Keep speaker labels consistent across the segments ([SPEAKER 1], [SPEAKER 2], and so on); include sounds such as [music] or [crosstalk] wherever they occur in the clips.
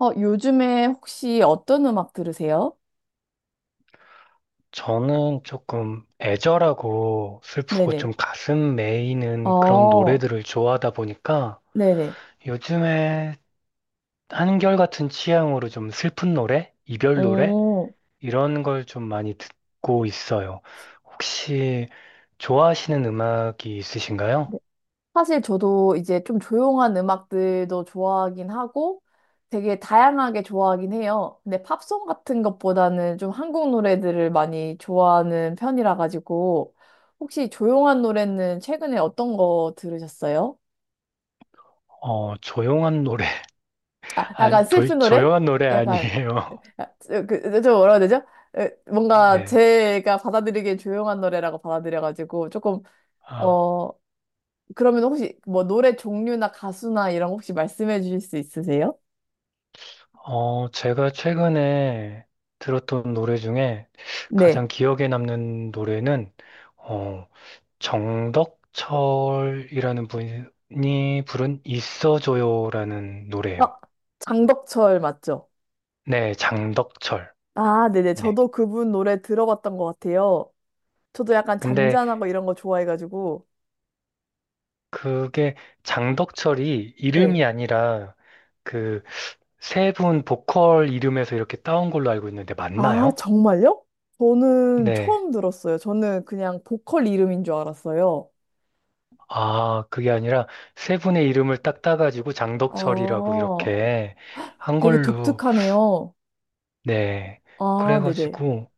[SPEAKER 1] 요즘에 혹시 어떤 음악 들으세요?
[SPEAKER 2] 저는 조금 애절하고 슬프고
[SPEAKER 1] 네네.
[SPEAKER 2] 좀 가슴 메이는 그런
[SPEAKER 1] 어,
[SPEAKER 2] 노래들을 좋아하다 보니까
[SPEAKER 1] 네네.
[SPEAKER 2] 요즘에 한결같은 취향으로 좀 슬픈 노래, 이별 노래
[SPEAKER 1] 어,
[SPEAKER 2] 이런 걸 좀 많이 듣고 있어요. 혹시 좋아하시는 음악이 있으신가요?
[SPEAKER 1] 네. 사실 저도 이제 좀 조용한 음악들도 좋아하긴 하고 되게 다양하게 좋아하긴 해요. 근데 팝송 같은 것보다는 좀 한국 노래들을 많이 좋아하는 편이라 가지고 혹시 조용한 노래는 최근에 어떤 거 들으셨어요?
[SPEAKER 2] 조용한 노래. [laughs]
[SPEAKER 1] 아,
[SPEAKER 2] 아니,
[SPEAKER 1] 약간 슬픈 노래?
[SPEAKER 2] 조용한 노래
[SPEAKER 1] 약간,
[SPEAKER 2] 아니에요.
[SPEAKER 1] 아, 그, 좀 뭐라 해야 되죠?
[SPEAKER 2] [laughs]
[SPEAKER 1] 뭔가
[SPEAKER 2] 네.
[SPEAKER 1] 제가 받아들이기엔 조용한 노래라고 받아들여가지고 조금
[SPEAKER 2] 아.
[SPEAKER 1] 어 그러면 혹시 뭐 노래 종류나 가수나 이런 거 혹시 말씀해 주실 수 있으세요?
[SPEAKER 2] 제가 최근에 들었던 노래 중에 가장
[SPEAKER 1] 네.
[SPEAKER 2] 기억에 남는 노래는 어, 정덕철이라는 분이 부른 있어줘요라는 노래예요.
[SPEAKER 1] 아, 장덕철 맞죠?
[SPEAKER 2] 네, 장덕철.
[SPEAKER 1] 아, 네네.
[SPEAKER 2] 네.
[SPEAKER 1] 저도 그분 노래 들어봤던 것 같아요. 저도 약간
[SPEAKER 2] 근데
[SPEAKER 1] 잔잔하고 이런 거 좋아해가지고.
[SPEAKER 2] 그게 장덕철이
[SPEAKER 1] 네,
[SPEAKER 2] 이름이 아니라 그 세 분 보컬 이름에서 이렇게 따온 걸로 알고 있는데
[SPEAKER 1] 아,
[SPEAKER 2] 맞나요?
[SPEAKER 1] 정말요? 저는
[SPEAKER 2] 네.
[SPEAKER 1] 처음 들었어요. 저는 그냥 보컬 이름인 줄 알았어요.
[SPEAKER 2] 아, 그게 아니라 세 분의 이름을 딱 따가지고 장덕철이라고
[SPEAKER 1] 아,
[SPEAKER 2] 이렇게 한
[SPEAKER 1] 되게
[SPEAKER 2] 걸로,
[SPEAKER 1] 독특하네요.
[SPEAKER 2] 네.
[SPEAKER 1] 아, 네네.
[SPEAKER 2] 그래가지고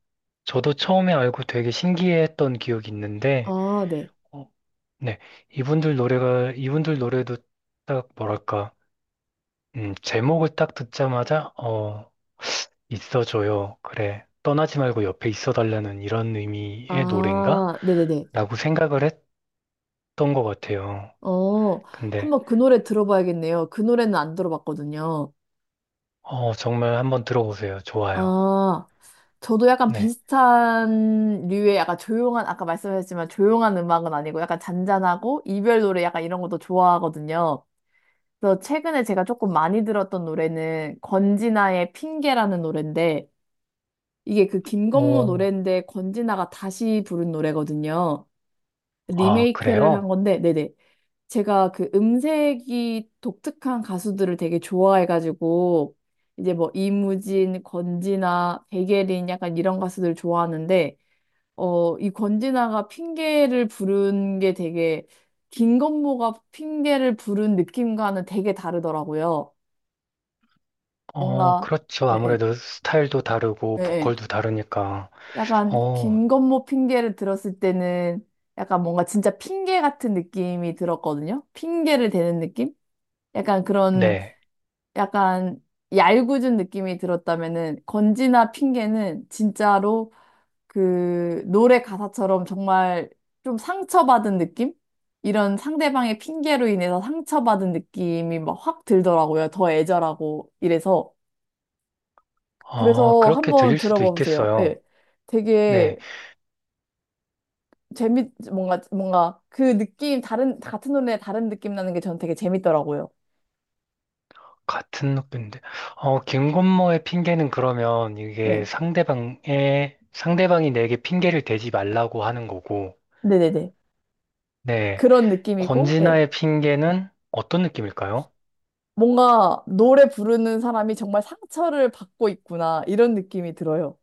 [SPEAKER 2] 저도 처음에 알고 되게 신기했던 기억이 있는데,
[SPEAKER 1] 아, 네.
[SPEAKER 2] 어, 네. 이분들 노래가, 이분들 노래도 딱 뭐랄까, 제목을 딱 듣자마자, 어, 있어줘요. 그래. 떠나지 말고 옆에 있어달라는 이런 의미의 노래인가?
[SPEAKER 1] 아, 네네네.
[SPEAKER 2] 라고 생각을 했던 것 같아요.
[SPEAKER 1] 어,
[SPEAKER 2] 근데,
[SPEAKER 1] 한번 그 노래 들어봐야겠네요. 그 노래는 안 들어봤거든요.
[SPEAKER 2] 어, 정말 한번 들어보세요. 좋아요.
[SPEAKER 1] 아, 저도 약간
[SPEAKER 2] 네.
[SPEAKER 1] 비슷한 류의 약간 조용한, 아까 말씀하셨지만 조용한 음악은 아니고 약간 잔잔하고 이별 노래 약간 이런 것도 좋아하거든요. 그래서 최근에 제가 조금 많이 들었던 노래는 권진아의 핑계라는 노래인데 이게 그 김건모
[SPEAKER 2] 어,
[SPEAKER 1] 노래인데 권진아가 다시 부른 노래거든요.
[SPEAKER 2] 아,
[SPEAKER 1] 리메이크를 한
[SPEAKER 2] 그래요?
[SPEAKER 1] 건데, 네네. 제가 그 음색이 독특한 가수들을 되게 좋아해가지고 이제 뭐 이무진, 권진아, 백예린 약간 이런 가수들 좋아하는데 이 권진아가 핑계를 부른 게 되게 김건모가 핑계를 부른 느낌과는 되게 다르더라고요.
[SPEAKER 2] 어,
[SPEAKER 1] 뭔가
[SPEAKER 2] 그렇죠.
[SPEAKER 1] 예,
[SPEAKER 2] 아무래도 스타일도
[SPEAKER 1] 예,
[SPEAKER 2] 다르고
[SPEAKER 1] 예, 예.
[SPEAKER 2] 보컬도 다르니까.
[SPEAKER 1] 약간
[SPEAKER 2] 어,
[SPEAKER 1] 김건모 핑계를 들었을 때는 약간 뭔가 진짜 핑계 같은 느낌이 들었거든요. 핑계를 대는 느낌? 약간 그런
[SPEAKER 2] 네.
[SPEAKER 1] 약간 얄궂은 느낌이 들었다면은 건지나 핑계는 진짜로 그 노래 가사처럼 정말 좀 상처받은 느낌? 이런 상대방의 핑계로 인해서 상처받은 느낌이 막 확 들더라고요. 더 애절하고 이래서.
[SPEAKER 2] 아,
[SPEAKER 1] 그래서
[SPEAKER 2] 그렇게
[SPEAKER 1] 한번
[SPEAKER 2] 들릴 수도
[SPEAKER 1] 들어봐 보세요.
[SPEAKER 2] 있겠어요.
[SPEAKER 1] 예.
[SPEAKER 2] 네.
[SPEAKER 1] 되게 뭔가, 뭔가, 그 느낌, 다른, 같은 노래에 다른 느낌 나는 게 저는 되게 재밌더라고요.
[SPEAKER 2] 같은 느낌인데. 어, 김건모의 핑계는 그러면 이게
[SPEAKER 1] 예.
[SPEAKER 2] 상대방의, 상대방이 내게 핑계를 대지 말라고 하는 거고.
[SPEAKER 1] 네네네.
[SPEAKER 2] 네.
[SPEAKER 1] 그런 느낌이고, 예.
[SPEAKER 2] 권진아의 핑계는 어떤 느낌일까요?
[SPEAKER 1] 뭔가 노래 부르는 사람이 정말 상처를 받고 있구나 이런 느낌이 들어요.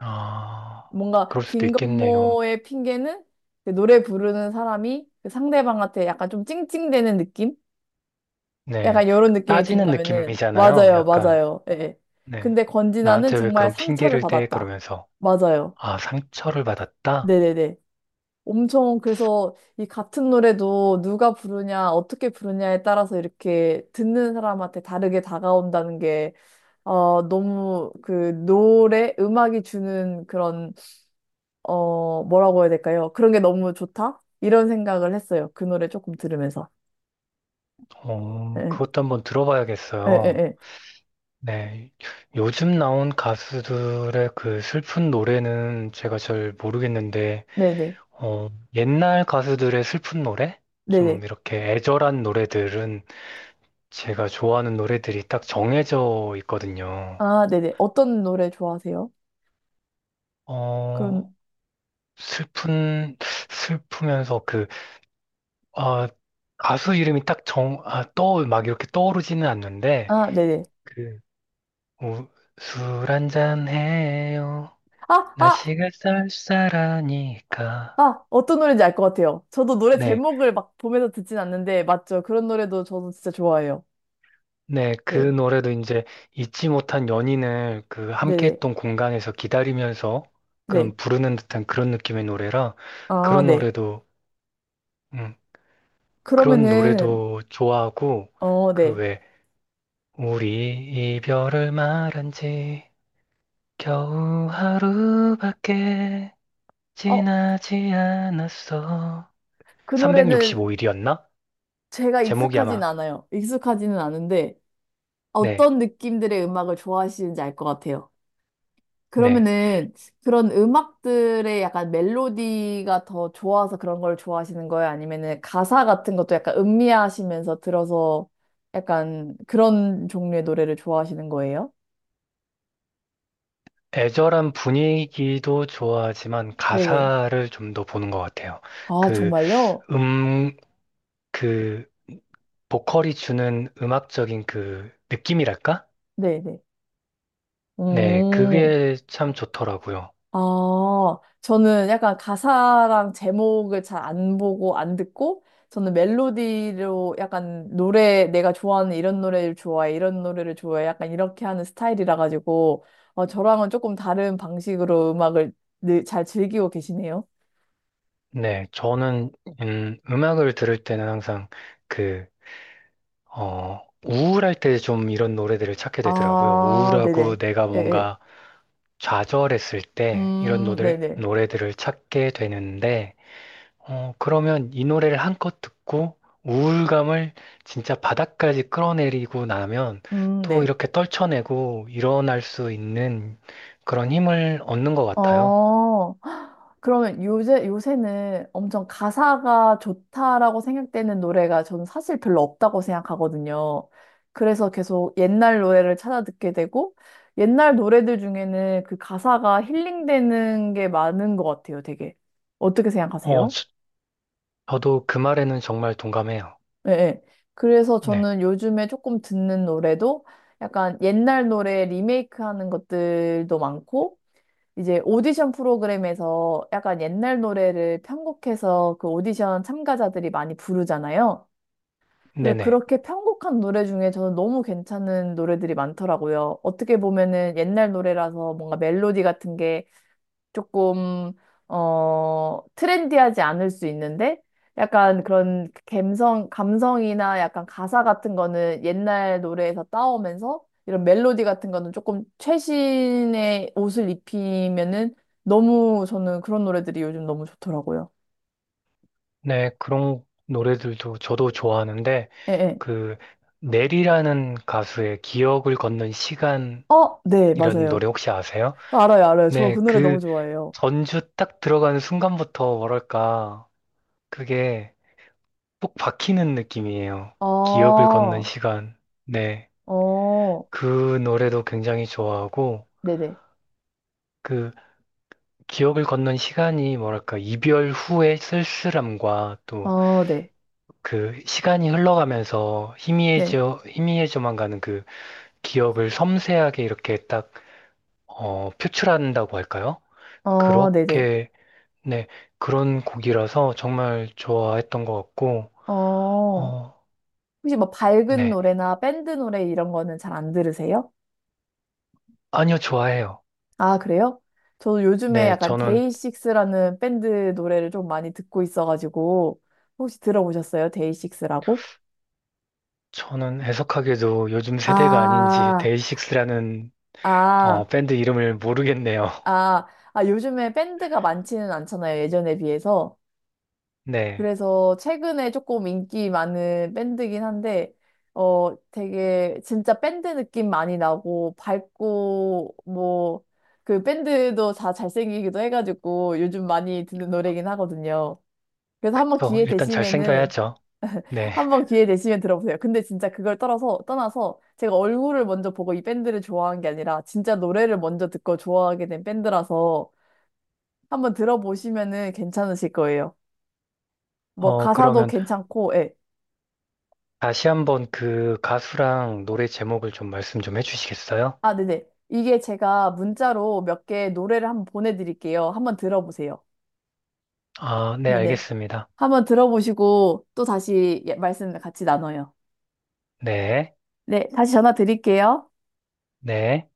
[SPEAKER 2] 아,
[SPEAKER 1] 뭔가
[SPEAKER 2] 그럴 수도 있겠네요.
[SPEAKER 1] 김건모의 핑계는 그 노래 부르는 사람이 그 상대방한테 약간 좀 찡찡대는 느낌?
[SPEAKER 2] 네.
[SPEAKER 1] 약간 이런 느낌이
[SPEAKER 2] 따지는
[SPEAKER 1] 든다면은
[SPEAKER 2] 느낌이잖아요.
[SPEAKER 1] 맞아요,
[SPEAKER 2] 약간.
[SPEAKER 1] 맞아요. 예. 예.
[SPEAKER 2] 네.
[SPEAKER 1] 근데 권진아는
[SPEAKER 2] 나한테 왜
[SPEAKER 1] 정말
[SPEAKER 2] 그런
[SPEAKER 1] 상처를
[SPEAKER 2] 핑계를 대?
[SPEAKER 1] 받았다.
[SPEAKER 2] 그러면서,
[SPEAKER 1] 맞아요.
[SPEAKER 2] 아, 상처를 받았다?
[SPEAKER 1] 네네네. 엄청 그래서 이 같은 노래도 누가 부르냐, 어떻게 부르냐에 따라서 이렇게 듣는 사람한테 다르게 다가온다는 게 너무 그 노래, 음악이 주는 그런, 뭐라고 해야 될까요? 그런 게 너무 좋다? 이런 생각을 했어요. 그 노래 조금 들으면서.
[SPEAKER 2] 어,
[SPEAKER 1] 예,
[SPEAKER 2] 그것도 한번
[SPEAKER 1] 예, 예,
[SPEAKER 2] 들어봐야겠어요.
[SPEAKER 1] 예.
[SPEAKER 2] 네. 요즘 나온 가수들의 그 슬픈 노래는 제가 잘 모르겠는데,
[SPEAKER 1] 네네.
[SPEAKER 2] 어, 옛날 가수들의 슬픈 노래? 좀
[SPEAKER 1] 네네.
[SPEAKER 2] 이렇게 애절한 노래들은 제가 좋아하는 노래들이 딱 정해져 있거든요.
[SPEAKER 1] 아, 네네. 어떤 노래 좋아하세요?
[SPEAKER 2] 어,
[SPEAKER 1] 그런,
[SPEAKER 2] 슬픈, 슬프면서 그 아, 가수 이름이 딱 정, 아, 떠, 막 이렇게 떠오르지는 않는데,
[SPEAKER 1] 아, 네네.
[SPEAKER 2] 그, 뭐, 술 한잔 해요.
[SPEAKER 1] 아, 아!
[SPEAKER 2] 날씨가 쌀쌀하니까.
[SPEAKER 1] 아, 어떤 노래인지 알 것 같아요. 저도 노래
[SPEAKER 2] 네,
[SPEAKER 1] 제목을 막 보면서 듣진 않는데, 맞죠? 그런 노래도 저도 진짜 좋아해요.
[SPEAKER 2] 네, 그
[SPEAKER 1] 네.
[SPEAKER 2] 노래도 이제 잊지 못한 연인을 그 함께
[SPEAKER 1] 네네.
[SPEAKER 2] 했던 공간에서 기다리면서
[SPEAKER 1] 네.
[SPEAKER 2] 그런 부르는 듯한 그런 느낌의 노래라,
[SPEAKER 1] 아,
[SPEAKER 2] 그런
[SPEAKER 1] 네.
[SPEAKER 2] 노래도, 음, 그런
[SPEAKER 1] 그러면은,
[SPEAKER 2] 노래도 좋아하고,
[SPEAKER 1] 어,
[SPEAKER 2] 그
[SPEAKER 1] 네.
[SPEAKER 2] 왜, 우리 이별을 말한 지 겨우 하루밖에
[SPEAKER 1] 어,
[SPEAKER 2] 지나지 않았어.
[SPEAKER 1] 그 노래는
[SPEAKER 2] 365일이었나?
[SPEAKER 1] 제가
[SPEAKER 2] 제목이
[SPEAKER 1] 익숙하진
[SPEAKER 2] 아마,
[SPEAKER 1] 않아요. 익숙하지는 않은데
[SPEAKER 2] 네,
[SPEAKER 1] 어떤 느낌들의 음악을 좋아하시는지 알 것 같아요.
[SPEAKER 2] 네.
[SPEAKER 1] 그러면은 그런 음악들의 약간 멜로디가 더 좋아서 그런 걸 좋아하시는 거예요? 아니면은 가사 같은 것도 약간 음미하시면서 들어서 약간 그런 종류의 노래를 좋아하시는 거예요?
[SPEAKER 2] 애절한 분위기도 좋아하지만
[SPEAKER 1] 네네.
[SPEAKER 2] 가사를 좀 더 보는 것 같아요.
[SPEAKER 1] 아,
[SPEAKER 2] 그,
[SPEAKER 1] 정말요?
[SPEAKER 2] 음, 그, 보컬이 주는 음악적인 그 느낌이랄까?
[SPEAKER 1] 네네.
[SPEAKER 2] 네,
[SPEAKER 1] 음.
[SPEAKER 2] 그게 참 좋더라고요.
[SPEAKER 1] 아, 저는 약간 가사랑 제목을 잘 안 보고 안 듣고, 저는 멜로디로 약간 노래, 내가 좋아하는 이런 노래를 좋아해, 이런 노래를 좋아해, 약간 이렇게 하는 스타일이라 가지고, 저랑은 조금 다른 방식으로 음악을 늘 잘 즐기고 계시네요.
[SPEAKER 2] 네, 저는, 음악을 들을 때는 항상 그, 어, 우울할 때 좀 이런 노래들을 찾게 되더라고요.
[SPEAKER 1] 아,
[SPEAKER 2] 우울하고
[SPEAKER 1] 네네.
[SPEAKER 2] 내가
[SPEAKER 1] 예, 예.
[SPEAKER 2] 뭔가 좌절했을 때 이런
[SPEAKER 1] 네네.
[SPEAKER 2] 노래들을 찾게 되는데, 어, 그러면 이 노래를 한껏 듣고 우울감을 진짜 바닥까지 끌어내리고 나면 또
[SPEAKER 1] 네.
[SPEAKER 2] 이렇게 떨쳐내고 일어날 수 있는 그런 힘을 얻는 것 같아요.
[SPEAKER 1] 어, 그러면 요새는 엄청 가사가 좋다라고 생각되는 노래가 저는 사실 별로 없다고 생각하거든요. 그래서 계속 옛날 노래를 찾아 듣게 되고, 옛날 노래들 중에는 그 가사가 힐링되는 게 많은 것 같아요, 되게. 어떻게
[SPEAKER 2] 어,
[SPEAKER 1] 생각하세요?
[SPEAKER 2] 저, 저도 그 말에는 정말 동감해요.
[SPEAKER 1] 네, 네. 그래서
[SPEAKER 2] 네,
[SPEAKER 1] 저는 요즘에 조금 듣는 노래도 약간 옛날 노래 리메이크 하는 것들도 많고, 이제 오디션 프로그램에서 약간 옛날 노래를 편곡해서 그 오디션 참가자들이 많이 부르잖아요. 그래서
[SPEAKER 2] 네네.
[SPEAKER 1] 그렇게 편곡한 노래 중에 저는 너무 괜찮은 노래들이 많더라고요. 어떻게 보면은 옛날 노래라서 뭔가 멜로디 같은 게 조금 트렌디하지 않을 수 있는데 약간 그런 감성이나 약간 가사 같은 거는 옛날 노래에서 따오면서 이런 멜로디 같은 거는 조금 최신의 옷을 입히면은 너무 저는 그런 노래들이 요즘 너무 좋더라고요.
[SPEAKER 2] 네, 그런 노래들도 저도 좋아하는데,
[SPEAKER 1] 예, 예.
[SPEAKER 2] 그 넬이라는 가수의 기억을 걷는 시간이라는
[SPEAKER 1] 어, 네, 맞아요.
[SPEAKER 2] 노래 혹시 아세요?
[SPEAKER 1] 아, 알아요, 알아요. 저 그
[SPEAKER 2] 네,
[SPEAKER 1] 노래 너무
[SPEAKER 2] 그
[SPEAKER 1] 좋아해요.
[SPEAKER 2] 전주 딱 들어가는 순간부터 뭐랄까 그게 쏙 박히는 느낌이에요. 기억을
[SPEAKER 1] 아,
[SPEAKER 2] 걷는 시간. 네,
[SPEAKER 1] 어,
[SPEAKER 2] 그 노래도 굉장히 좋아하고
[SPEAKER 1] 네네.
[SPEAKER 2] 그 기억을 걷는 시간이 뭐랄까 이별 후의 쓸쓸함과 또
[SPEAKER 1] 어, 네.
[SPEAKER 2] 그 시간이 흘러가면서
[SPEAKER 1] 네.
[SPEAKER 2] 희미해져만 가는 그 기억을 섬세하게 이렇게 딱 어, 표출한다고 할까요?
[SPEAKER 1] 어, 네네.
[SPEAKER 2] 그렇게, 네, 그런 곡이라서 정말 좋아했던 것 같고,
[SPEAKER 1] 어,
[SPEAKER 2] 어,
[SPEAKER 1] 혹시 뭐 밝은
[SPEAKER 2] 네.
[SPEAKER 1] 노래나 밴드 노래 이런 거는 잘 안 들으세요?
[SPEAKER 2] 아니요, 좋아해요.
[SPEAKER 1] 아, 그래요? 저도 요즘에
[SPEAKER 2] 네,
[SPEAKER 1] 약간
[SPEAKER 2] 저는,
[SPEAKER 1] 데이식스라는 밴드 노래를 좀 많이 듣고 있어가지고 혹시 들어보셨어요? 데이식스라고?
[SPEAKER 2] 저는 애석하게도 요즘 세대가 아닌지
[SPEAKER 1] 아,
[SPEAKER 2] 데이식스라는, 어,
[SPEAKER 1] 아,
[SPEAKER 2] 밴드 이름을 모르겠네요. [laughs]
[SPEAKER 1] 아, 아, 요즘에 밴드가 많지는 않잖아요. 예전에 비해서.
[SPEAKER 2] 네.
[SPEAKER 1] 그래서 최근에 조금 인기 많은 밴드긴 한데, 되게 진짜 밴드 느낌 많이 나고, 밝고, 뭐, 그 밴드도 다 잘생기기도 해가지고 요즘 많이 듣는 노래긴 하거든요. 그래서 한번
[SPEAKER 2] 어,
[SPEAKER 1] 기회
[SPEAKER 2] 일단
[SPEAKER 1] 되시면은,
[SPEAKER 2] 잘생겨야죠. 네.
[SPEAKER 1] 한번 기회 되시면 들어보세요. 근데 진짜 그걸 떠나서 제가 얼굴을 먼저 보고 이 밴드를 좋아한 게 아니라 진짜 노래를 먼저 듣고 좋아하게 된 밴드라서 한번 들어보시면은 괜찮으실 거예요. 뭐
[SPEAKER 2] 어,
[SPEAKER 1] 가사도
[SPEAKER 2] 그러면
[SPEAKER 1] 괜찮고, 예.
[SPEAKER 2] 다시 한번 그 가수랑 노래 제목을 좀 말씀 좀 해주시겠어요?
[SPEAKER 1] 아, 네네. 이게 제가 문자로 몇 개 노래를 한번 보내드릴게요. 한번 들어보세요.
[SPEAKER 2] 아, 네,
[SPEAKER 1] 네네.
[SPEAKER 2] 알겠습니다.
[SPEAKER 1] 한번 들어보시고 또 다시 말씀 같이 나눠요.
[SPEAKER 2] 네.
[SPEAKER 1] 네, 다시 전화 드릴게요.
[SPEAKER 2] 네.